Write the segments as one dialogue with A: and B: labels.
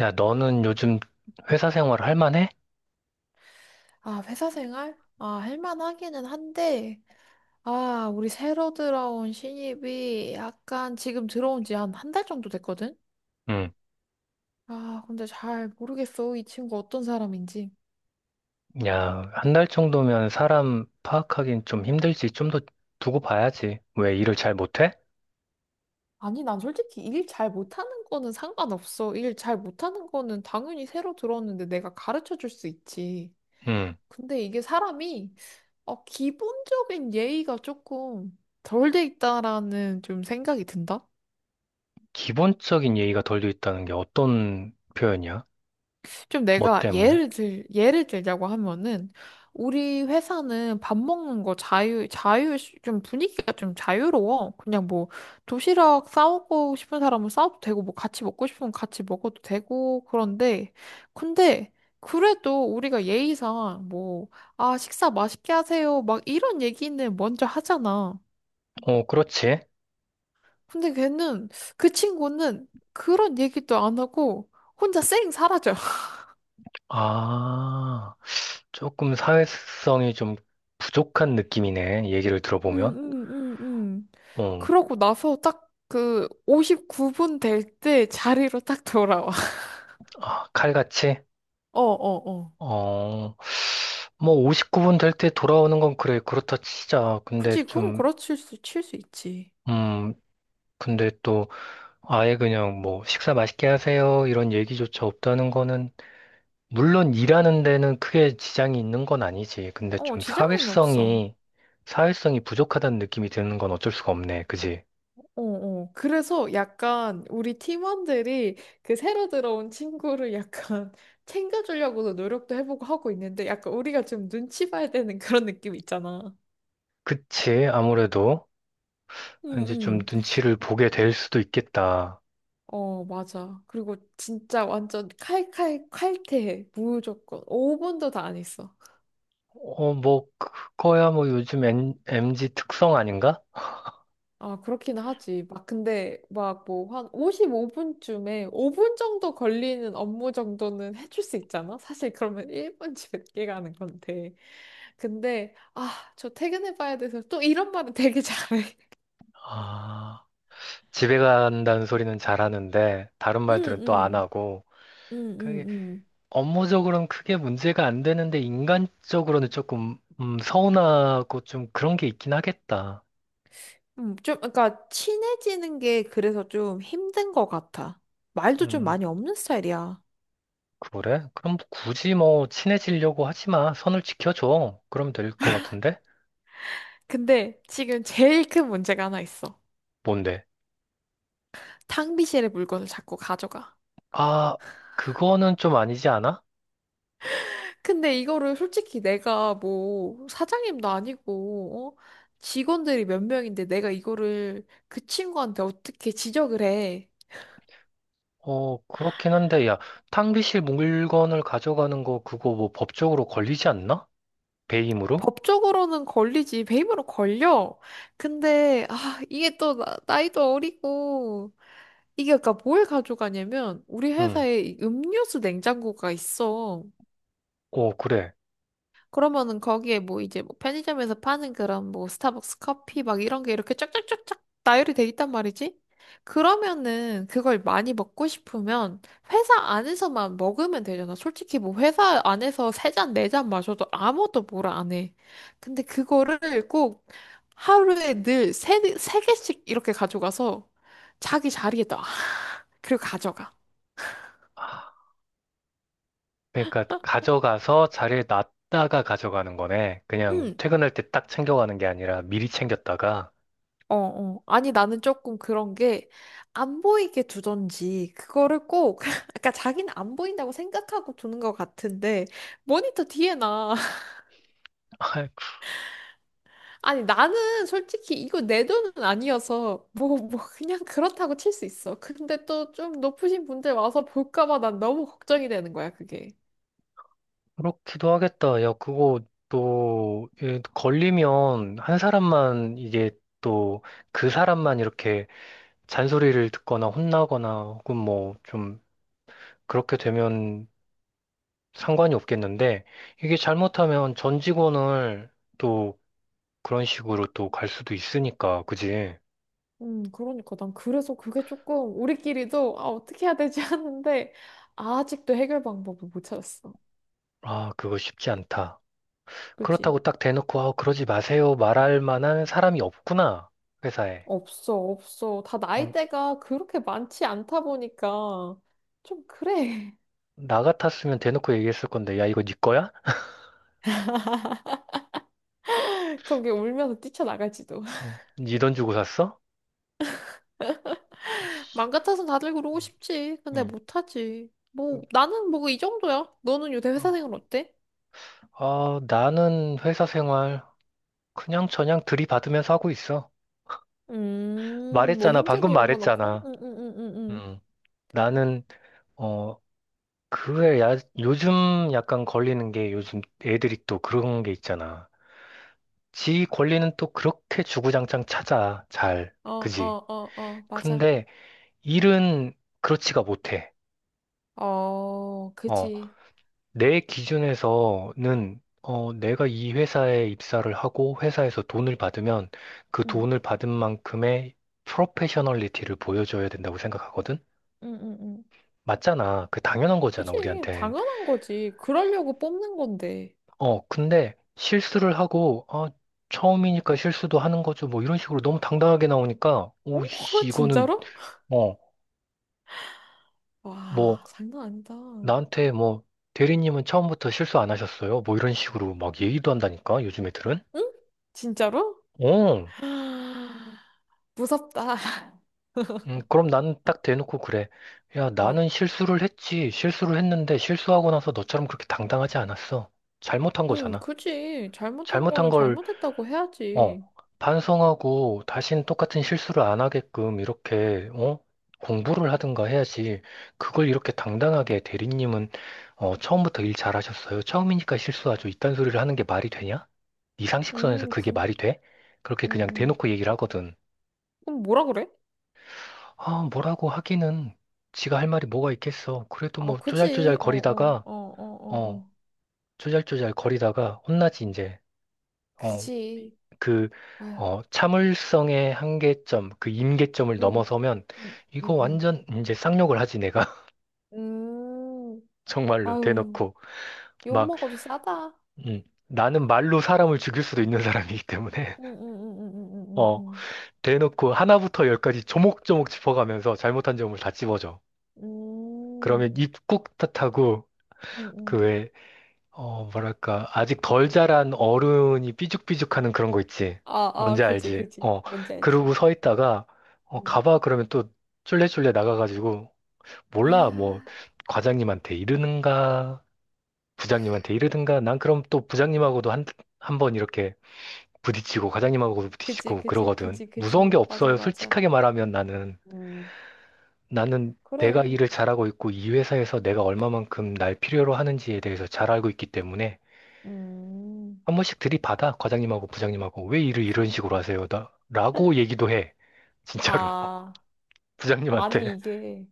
A: 야, 너는 요즘 회사 생활 할 만해?
B: 아, 회사 생활? 아, 할만하기는 한데, 아, 우리 새로 들어온 신입이 약간 지금 들어온 지 한 한 달 정도 됐거든?
A: 응.
B: 아, 근데 잘 모르겠어. 이 친구 어떤 사람인지.
A: 야, 한 달 정도면 사람 파악하기는 좀 힘들지. 좀 더 두고 봐야지. 왜 일을 잘 못해?
B: 아니, 난 솔직히 일 잘 못하는 거는 상관없어. 일 잘 못하는 거는 당연히 새로 들어왔는데 내가 가르쳐 줄 수 있지.
A: 응.
B: 근데 이게 사람이, 기본적인 예의가 조금 덜 돼 있다라는 좀 생각이 든다?
A: 기본적인 예의가 덜 돼 있다는 게 어떤 표현이야?
B: 좀
A: 뭐
B: 내가
A: 때문에?
B: 예를 들자고 하면은, 우리 회사는 밥 먹는 거 자유, 좀 분위기가 좀 자유로워. 그냥 뭐, 도시락 싸우고 싶은 사람은 싸워도 되고, 뭐 같이 먹고 싶으면 같이 먹어도 되고, 그런데, 근데, 그래도 우리가 예의상 뭐, 아, 식사 맛있게 하세요. 막 이런 얘기는 먼저 하잖아.
A: 어, 그렇지.
B: 근데 걔는, 그 친구는 그런 얘기도 안 하고, 혼자 쌩 사라져.
A: 아, 조금 사회성이 좀 부족한 느낌이네. 얘기를
B: 음,
A: 들어보면.
B: 음, 음, 음.
A: 어,
B: 그러고 나서 딱 그 59분 될 때 자리로 딱 돌아와.
A: 아, 칼같이?
B: 어, 어, 어.
A: 어, 뭐 59분 될 때 돌아오는 건 그래. 그렇다 치자. 근데
B: 굳이 그건
A: 좀.
B: 칠 수 있지.
A: 음, 근데 또 아예 그냥 뭐 식사 맛있게 하세요 이런 얘기조차 없다는 거는 물론 일하는 데는 크게 지장이 있는 건 아니지. 근데
B: 어,
A: 좀
B: 지장은 없어.
A: 사회성이 사회성이 부족하다는 느낌이 드는 건 어쩔 수가 없네. 그지?
B: 어, 어. 그래서 약간 우리 팀원들이 그 새로 들어온 친구를 약간 챙겨주려고도 노력도 해보고 하고 있는데 약간 우리가 좀 눈치 봐야 되는 그런 느낌 있잖아.
A: 그치? 아무래도
B: 응,
A: 이제 좀
B: 응.
A: 눈치를 보게 될 수도 있겠다.
B: 어, 맞아. 그리고 진짜 완전 칼칼 칼퇴해. 무조건. 5분도 다 안 했어.
A: 어, 뭐 그거야 뭐 요즘 M 특성 아닌가?
B: 아, 그렇긴 하지. 막 근데 막 뭐 한 55분쯤에 5분 정도 걸리는 업무 정도는 해줄 수 있잖아. 사실 그러면 1분 집에 늦 가는 건데. 근데 아, 저 퇴근해 봐야 돼서 또 이런 말은 되게 잘해.
A: 아, 집에 간다는 소리는 잘하는데 다른
B: 응,
A: 말들은 또 안
B: 응,
A: 하고.
B: 응, 응,
A: 그
B: 응.
A: 업무적으로는 크게 문제가 안 되는데 인간적으로는 조금 서운하고 좀 그런 게 있긴 하겠다.
B: 좀, 그러니까 친해지는 게 그래서 좀 힘든 것 같아. 말도 좀
A: 음,
B: 많이 없는 스타일이야.
A: 그래? 그럼 뭐 굳이 뭐 친해지려고 하지 마. 선을 지켜줘. 그럼 될 것 같은데?
B: 근데 지금 제일 큰 문제가 하나 있어.
A: 뭔데?
B: 탕비실에 물건을 자꾸 가져가.
A: 아, 그거는 좀 아니지 않아?
B: 근데 이거를 솔직히 내가 뭐 사장님도 아니고 어? 직원들이 몇 명인데 내가 이거를 그 친구한테 어떻게 지적을 해?
A: 어, 그렇긴 한데, 야, 탕비실 물건을 가져가는 거 그거 뭐 법적으로 걸리지 않나? 배임으로?
B: 법적으로는 걸리지, 배임으로 걸려. 근데 아 이게 또 나이도 어리고 이게 그러니까 뭘 가져가냐면 우리
A: 응.
B: 회사에 이 음료수 냉장고가 있어.
A: 어, 그래. 아,
B: 그러면은 거기에 뭐 이제 뭐 편의점에서 파는 그런 뭐 스타벅스 커피 막 이런 게 이렇게 쫙쫙쫙쫙 나열이 돼 있단 말이지. 그러면은 그걸 많이 먹고 싶으면 회사 안에서만 먹으면 되잖아. 솔직히 뭐 회사 안에서 세 잔, 네 잔 마셔도 아무도 뭐라 안 해. 근데 그거를 꼭 하루에 늘 세, 네, 세 개씩 이렇게 가져가서 자기 자리에다 그리고 가져가.
A: 그러니까 가져가서 자리에 놨다가 가져가는 거네. 그냥
B: 응.
A: 퇴근할 때 딱 챙겨가는 게 아니라 미리 챙겼다가.
B: 어, 어. 아니, 나는 조금 그런 게, 안 보이게 두던지, 그거를 꼭, 그러니까 자기는 안 보인다고 생각하고 두는 것 같은데, 모니터 뒤에 나.
A: 아,
B: 아니, 나는 솔직히 이거 내 돈은 아니어서, 뭐, 뭐, 그냥 그렇다고 칠 수 있어. 근데 또 좀 높으신 분들 와서 볼까봐 난 너무 걱정이 되는 거야, 그게.
A: 그렇기도 하겠다. 야, 그거 또 예, 걸리면 한 사람만 이게 또 그 사람만 이렇게 잔소리를 듣거나 혼나거나 혹은 뭐 좀 그렇게 되면 상관이 없겠는데 이게 잘못하면 전 직원을 또 그런 식으로 또 갈 수도 있으니까, 그지?
B: 그러니까 난 그래서 그게 조금, 우리끼리도, 아, 어떻게 해야 되지 하는데, 아직도 해결 방법을 못 찾았어.
A: 아, 그거 쉽지 않다.
B: 그치?
A: 그렇다고 딱 대놓고, 아, 그러지 마세요. 말할 만한 사람이 없구나. 회사에.
B: 없어, 없어. 다
A: 어,
B: 나이대가 그렇게 많지 않다 보니까 좀 그래.
A: 나 같았으면 대놓고 얘기했을 건데, 야, 이거 네 거야?
B: 그런 게 울면서 뛰쳐나갈지도.
A: 네 돈 주고 샀어? 씨,
B: 맘 같아서 다들 그러고 싶지. 근데 못하지.
A: 음.
B: 뭐, 나는 뭐 이 정도야. 너는 요새 회사
A: 아,
B: 생활 어때?
A: 나는 회사 생활 그냥저냥 들이받으면서 하고 있어.
B: 뭐
A: 말했잖아. 방금
B: 힘들고 이런 거 넣고?
A: 말했잖아.
B: 응, 응, 응, 응, 응.
A: 음. 나는, 어, 그에 야, 요즘 약간 걸리는 게 요즘 애들이 또 그런 게 있잖아. 지 권리는 또 그렇게 주구장창 찾아. 잘.
B: 어,
A: 그지?
B: 어, 어, 어, 맞아.
A: 근데 일은 그렇지가 못해.
B: 어,
A: 어,
B: 그지.
A: 내 기준에서는 어, 내가 이 회사에 입사를 하고 회사에서 돈을 받으면 그
B: 응,
A: 돈을 받은 만큼의 프로페셔널리티를 보여줘야 된다고 생각하거든?
B: 응, 응, 응.
A: 맞잖아. 그 당연한 거잖아,
B: 그지.
A: 우리한텐.
B: 당연한 거지. 그러려고 뽑는 건데.
A: 어, 근데 실수를 하고, 어, 처음이니까 실수도 하는 거죠. 뭐 이런 식으로 너무 당당하게 나오니까, 오씨,
B: 어?
A: 이거는,
B: 진짜로?
A: 어, 뭐,
B: 와, 장난 아니다.
A: 나한테 뭐 대리님은 처음부터 실수 안 하셨어요? 뭐 이런 식으로 막 얘기도 한다니까 요즘 애들은.
B: 응? 진짜로?
A: 어,
B: 무섭다.
A: 그럼 나는 딱 대놓고 그래. 야,
B: 어.
A: 나는 실수를 했지. 실수를 했는데 실수하고 나서 너처럼 그렇게 당당하지 않았어. 잘못한 거잖아.
B: 그지. 잘못한
A: 잘못한
B: 거는
A: 걸
B: 잘못했다고
A: 어,
B: 해야지.
A: 반성하고 다시는 똑같은 실수를 안 하게끔 이렇게, 어? 공부를 하든가 해야지. 그걸 이렇게 당당하게 대리님은, 어, 처음부터 일 잘하셨어요. 처음이니까 실수하죠. 이딴 소리를 하는 게 말이 되냐? 이 상식선에서 그게
B: 그,
A: 말이 돼? 그렇게
B: 음,
A: 그냥
B: 음.
A: 대놓고 얘기를 하거든.
B: 그럼 뭐라 그래?
A: 아, 뭐라고 하기는 지가 할 말이 뭐가 있겠어. 그래도
B: 아,
A: 뭐 쪼잘쪼잘
B: 그지. 어, 어,
A: 거리다가,
B: 어, 어, 어,
A: 어,
B: 어.
A: 쪼잘쪼잘 거리다가 혼나지, 이제. 어,
B: 그지.
A: 그,
B: 아유,
A: 어, 참을성의 한계점, 그 임계점을
B: 음,
A: 넘어서면
B: 음,
A: 이거
B: 음, 음.
A: 완전 이제 쌍욕을 하지, 내가.
B: 음,
A: 정말로
B: 아유,
A: 대놓고.
B: 욕
A: 막,
B: 먹어도 싸다.
A: 음, 나는 말로 사람을 죽일 수도 있는 사람이기 때문에,
B: 음, 음, 음, 음, 음, 음,
A: 어,
B: 음,
A: 대놓고 하나부터 열까지 조목조목 짚어가면서 잘못한 점을 다 찝어줘.
B: 음, 음.
A: 그러면 입 꾹 탓하고,
B: 음, 음.
A: 그왜 어, 뭐랄까, 아직 덜 자란 어른이 삐죽삐죽하는 그런 거 있지.
B: 아, 아,
A: 뭔지
B: 그지,
A: 알지?
B: 그지.
A: 어,
B: 뭔지 알지.
A: 그러고 서 있다가, 어,
B: 음.
A: 가봐 그러면 또 쫄래쫄래 나가가지고, 몰라, 뭐,
B: 아.
A: 과장님한테 이르는가, 부장님한테 이르든가, 난 그럼 또 부장님하고도 한, 한 번 이렇게 부딪히고, 과장님하고도
B: 그지,
A: 부딪히고
B: 그지,
A: 그러거든.
B: 그지,
A: 무서운
B: 그지.
A: 게
B: 맞아,
A: 없어요.
B: 맞아.
A: 솔직하게 말하면 나는,
B: 음,
A: 나는 내가
B: 그래.
A: 일을 잘하고 있고, 이 회사에서 내가 얼마만큼 날 필요로 하는지에 대해서 잘 알고 있기 때문에,
B: 음,
A: 한 번씩 들이받아, 과장님하고 부장님하고. 왜 일을 이런 식으로 하세요? 나, 라고 얘기도 해. 진짜로.
B: 아,
A: 부장님한테.
B: 아니, 이게,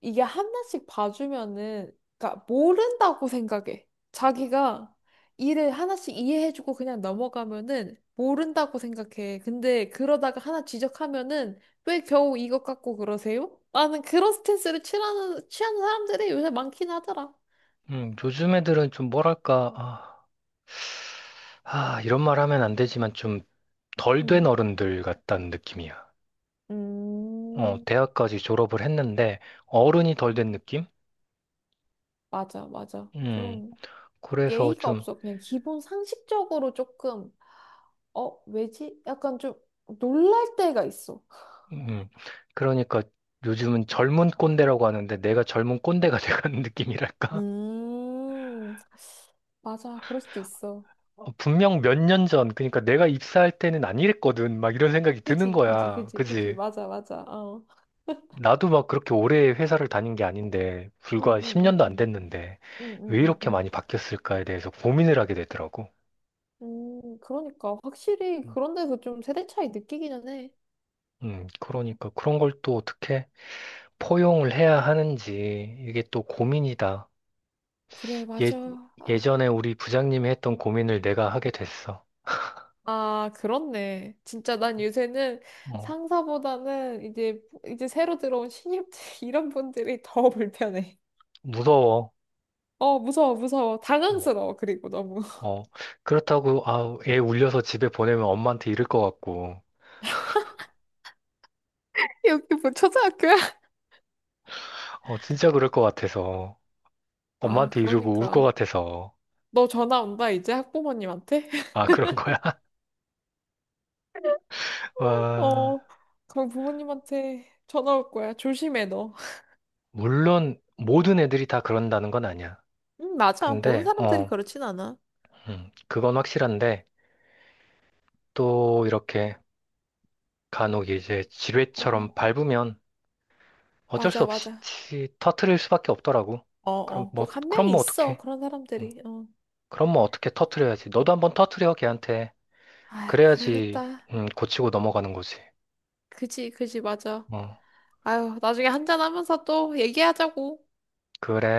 B: 이게 하나씩 봐주면은, 그러니까 모른다고 생각해. 자기가 일을 하나씩 이해해주고 그냥 넘어가면은 모른다고 생각해. 근데 그러다가 하나 지적하면은 왜 겨우 이것 갖고 그러세요? 나는 그런 스탠스를 취하는 사람들이 요새 많긴 하더라.
A: 요즘 애들은 좀 뭐랄까, 아, 이런 말 하면 안 되지만 좀 덜 된
B: 응,
A: 어른들 같다는 느낌이야. 어,
B: 음.
A: 대학까지 졸업을 했는데 어른이 덜 된 느낌?
B: 맞아, 맞아.
A: 음,
B: 좀.
A: 그래서
B: 예의가
A: 좀,
B: 없어. 그냥 기본 상식적으로 조금, 어, 왜지? 약간 좀 놀랄 때가 있어.
A: 음, 그러니까 요즘은 젊은 꼰대라고 하는데 내가 젊은 꼰대가 돼가는 느낌이랄까?
B: 음, 맞아. 그럴 수도 있어.
A: 어, 분명 몇 년 전, 그러니까 내가 입사할 때는 안 이랬거든. 막 이런 생각이 드는
B: 그지, 그지,
A: 거야.
B: 그지, 그지.
A: 그지?
B: 맞아, 맞아. 어.
A: 나도 막 그렇게 오래 회사를 다닌 게 아닌데,
B: 응,
A: 불과
B: 응, 응,
A: 10년도 안
B: 응.
A: 됐는데,
B: 응,
A: 왜
B: 응, 응,
A: 이렇게
B: 응.
A: 많이 바뀌었을까에 대해서 고민을 하게 되더라고.
B: 그러니까. 확실히
A: 음,
B: 그런 데서 좀 세대 차이 느끼기는 해.
A: 그러니까 그런 걸 또 어떻게 포용을 해야 하는지, 이게 또 고민이다.
B: 그래, 맞아.
A: 예,
B: 아,
A: 예전에 우리 부장님이 했던 고민을 내가 하게 됐어.
B: 아, 그렇네. 진짜 난 요새는
A: 어,
B: 상사보다는 이제 새로 들어온 신입들, 이런 분들이 더 불편해.
A: 무서워.
B: 어, 무서워, 무서워.
A: 어,
B: 당황스러워, 그리고 너무.
A: 어. 그렇다고, 아, 애 울려서 집에 보내면 엄마한테 이를 것 같고.
B: 여기 뭐 초등학교야?
A: 어, 진짜 그럴 것 같아서.
B: 아,
A: 엄마한테 이러고 울 것
B: 그러니까.
A: 같아서.
B: 너 전화 온다, 이제 학부모님한테?
A: 아, 그런 거야? 와,
B: 어, 그럼 부모님한테 전화 올 거야. 조심해, 너.
A: 물론 모든 애들이 다 그런다는 건 아니야.
B: 응, 맞아. 모든
A: 근데,
B: 사람들이
A: 어,
B: 그렇진 않아.
A: 그건 확실한데, 또 이렇게 간혹 이제
B: 어,
A: 지뢰처럼 밟으면 어쩔 수
B: 맞아, 맞아.
A: 없이 터트릴 수밖에 없더라고.
B: 어,
A: 그럼
B: 어,
A: 뭐,
B: 꼭 한
A: 그럼
B: 명이
A: 뭐
B: 있어,
A: 어떡해?
B: 그런
A: 음,
B: 사람들이. 어.
A: 그럼 뭐 어떻게 터트려야지. 너도 한번 터트려, 걔한테.
B: 아휴,
A: 그래야지,
B: 그러겠다.
A: 고치고 넘어가는 거지.
B: 그지, 그지, 맞아.
A: 어,
B: 아유, 나중에 한잔하면서 또 얘기하자고.
A: 그래.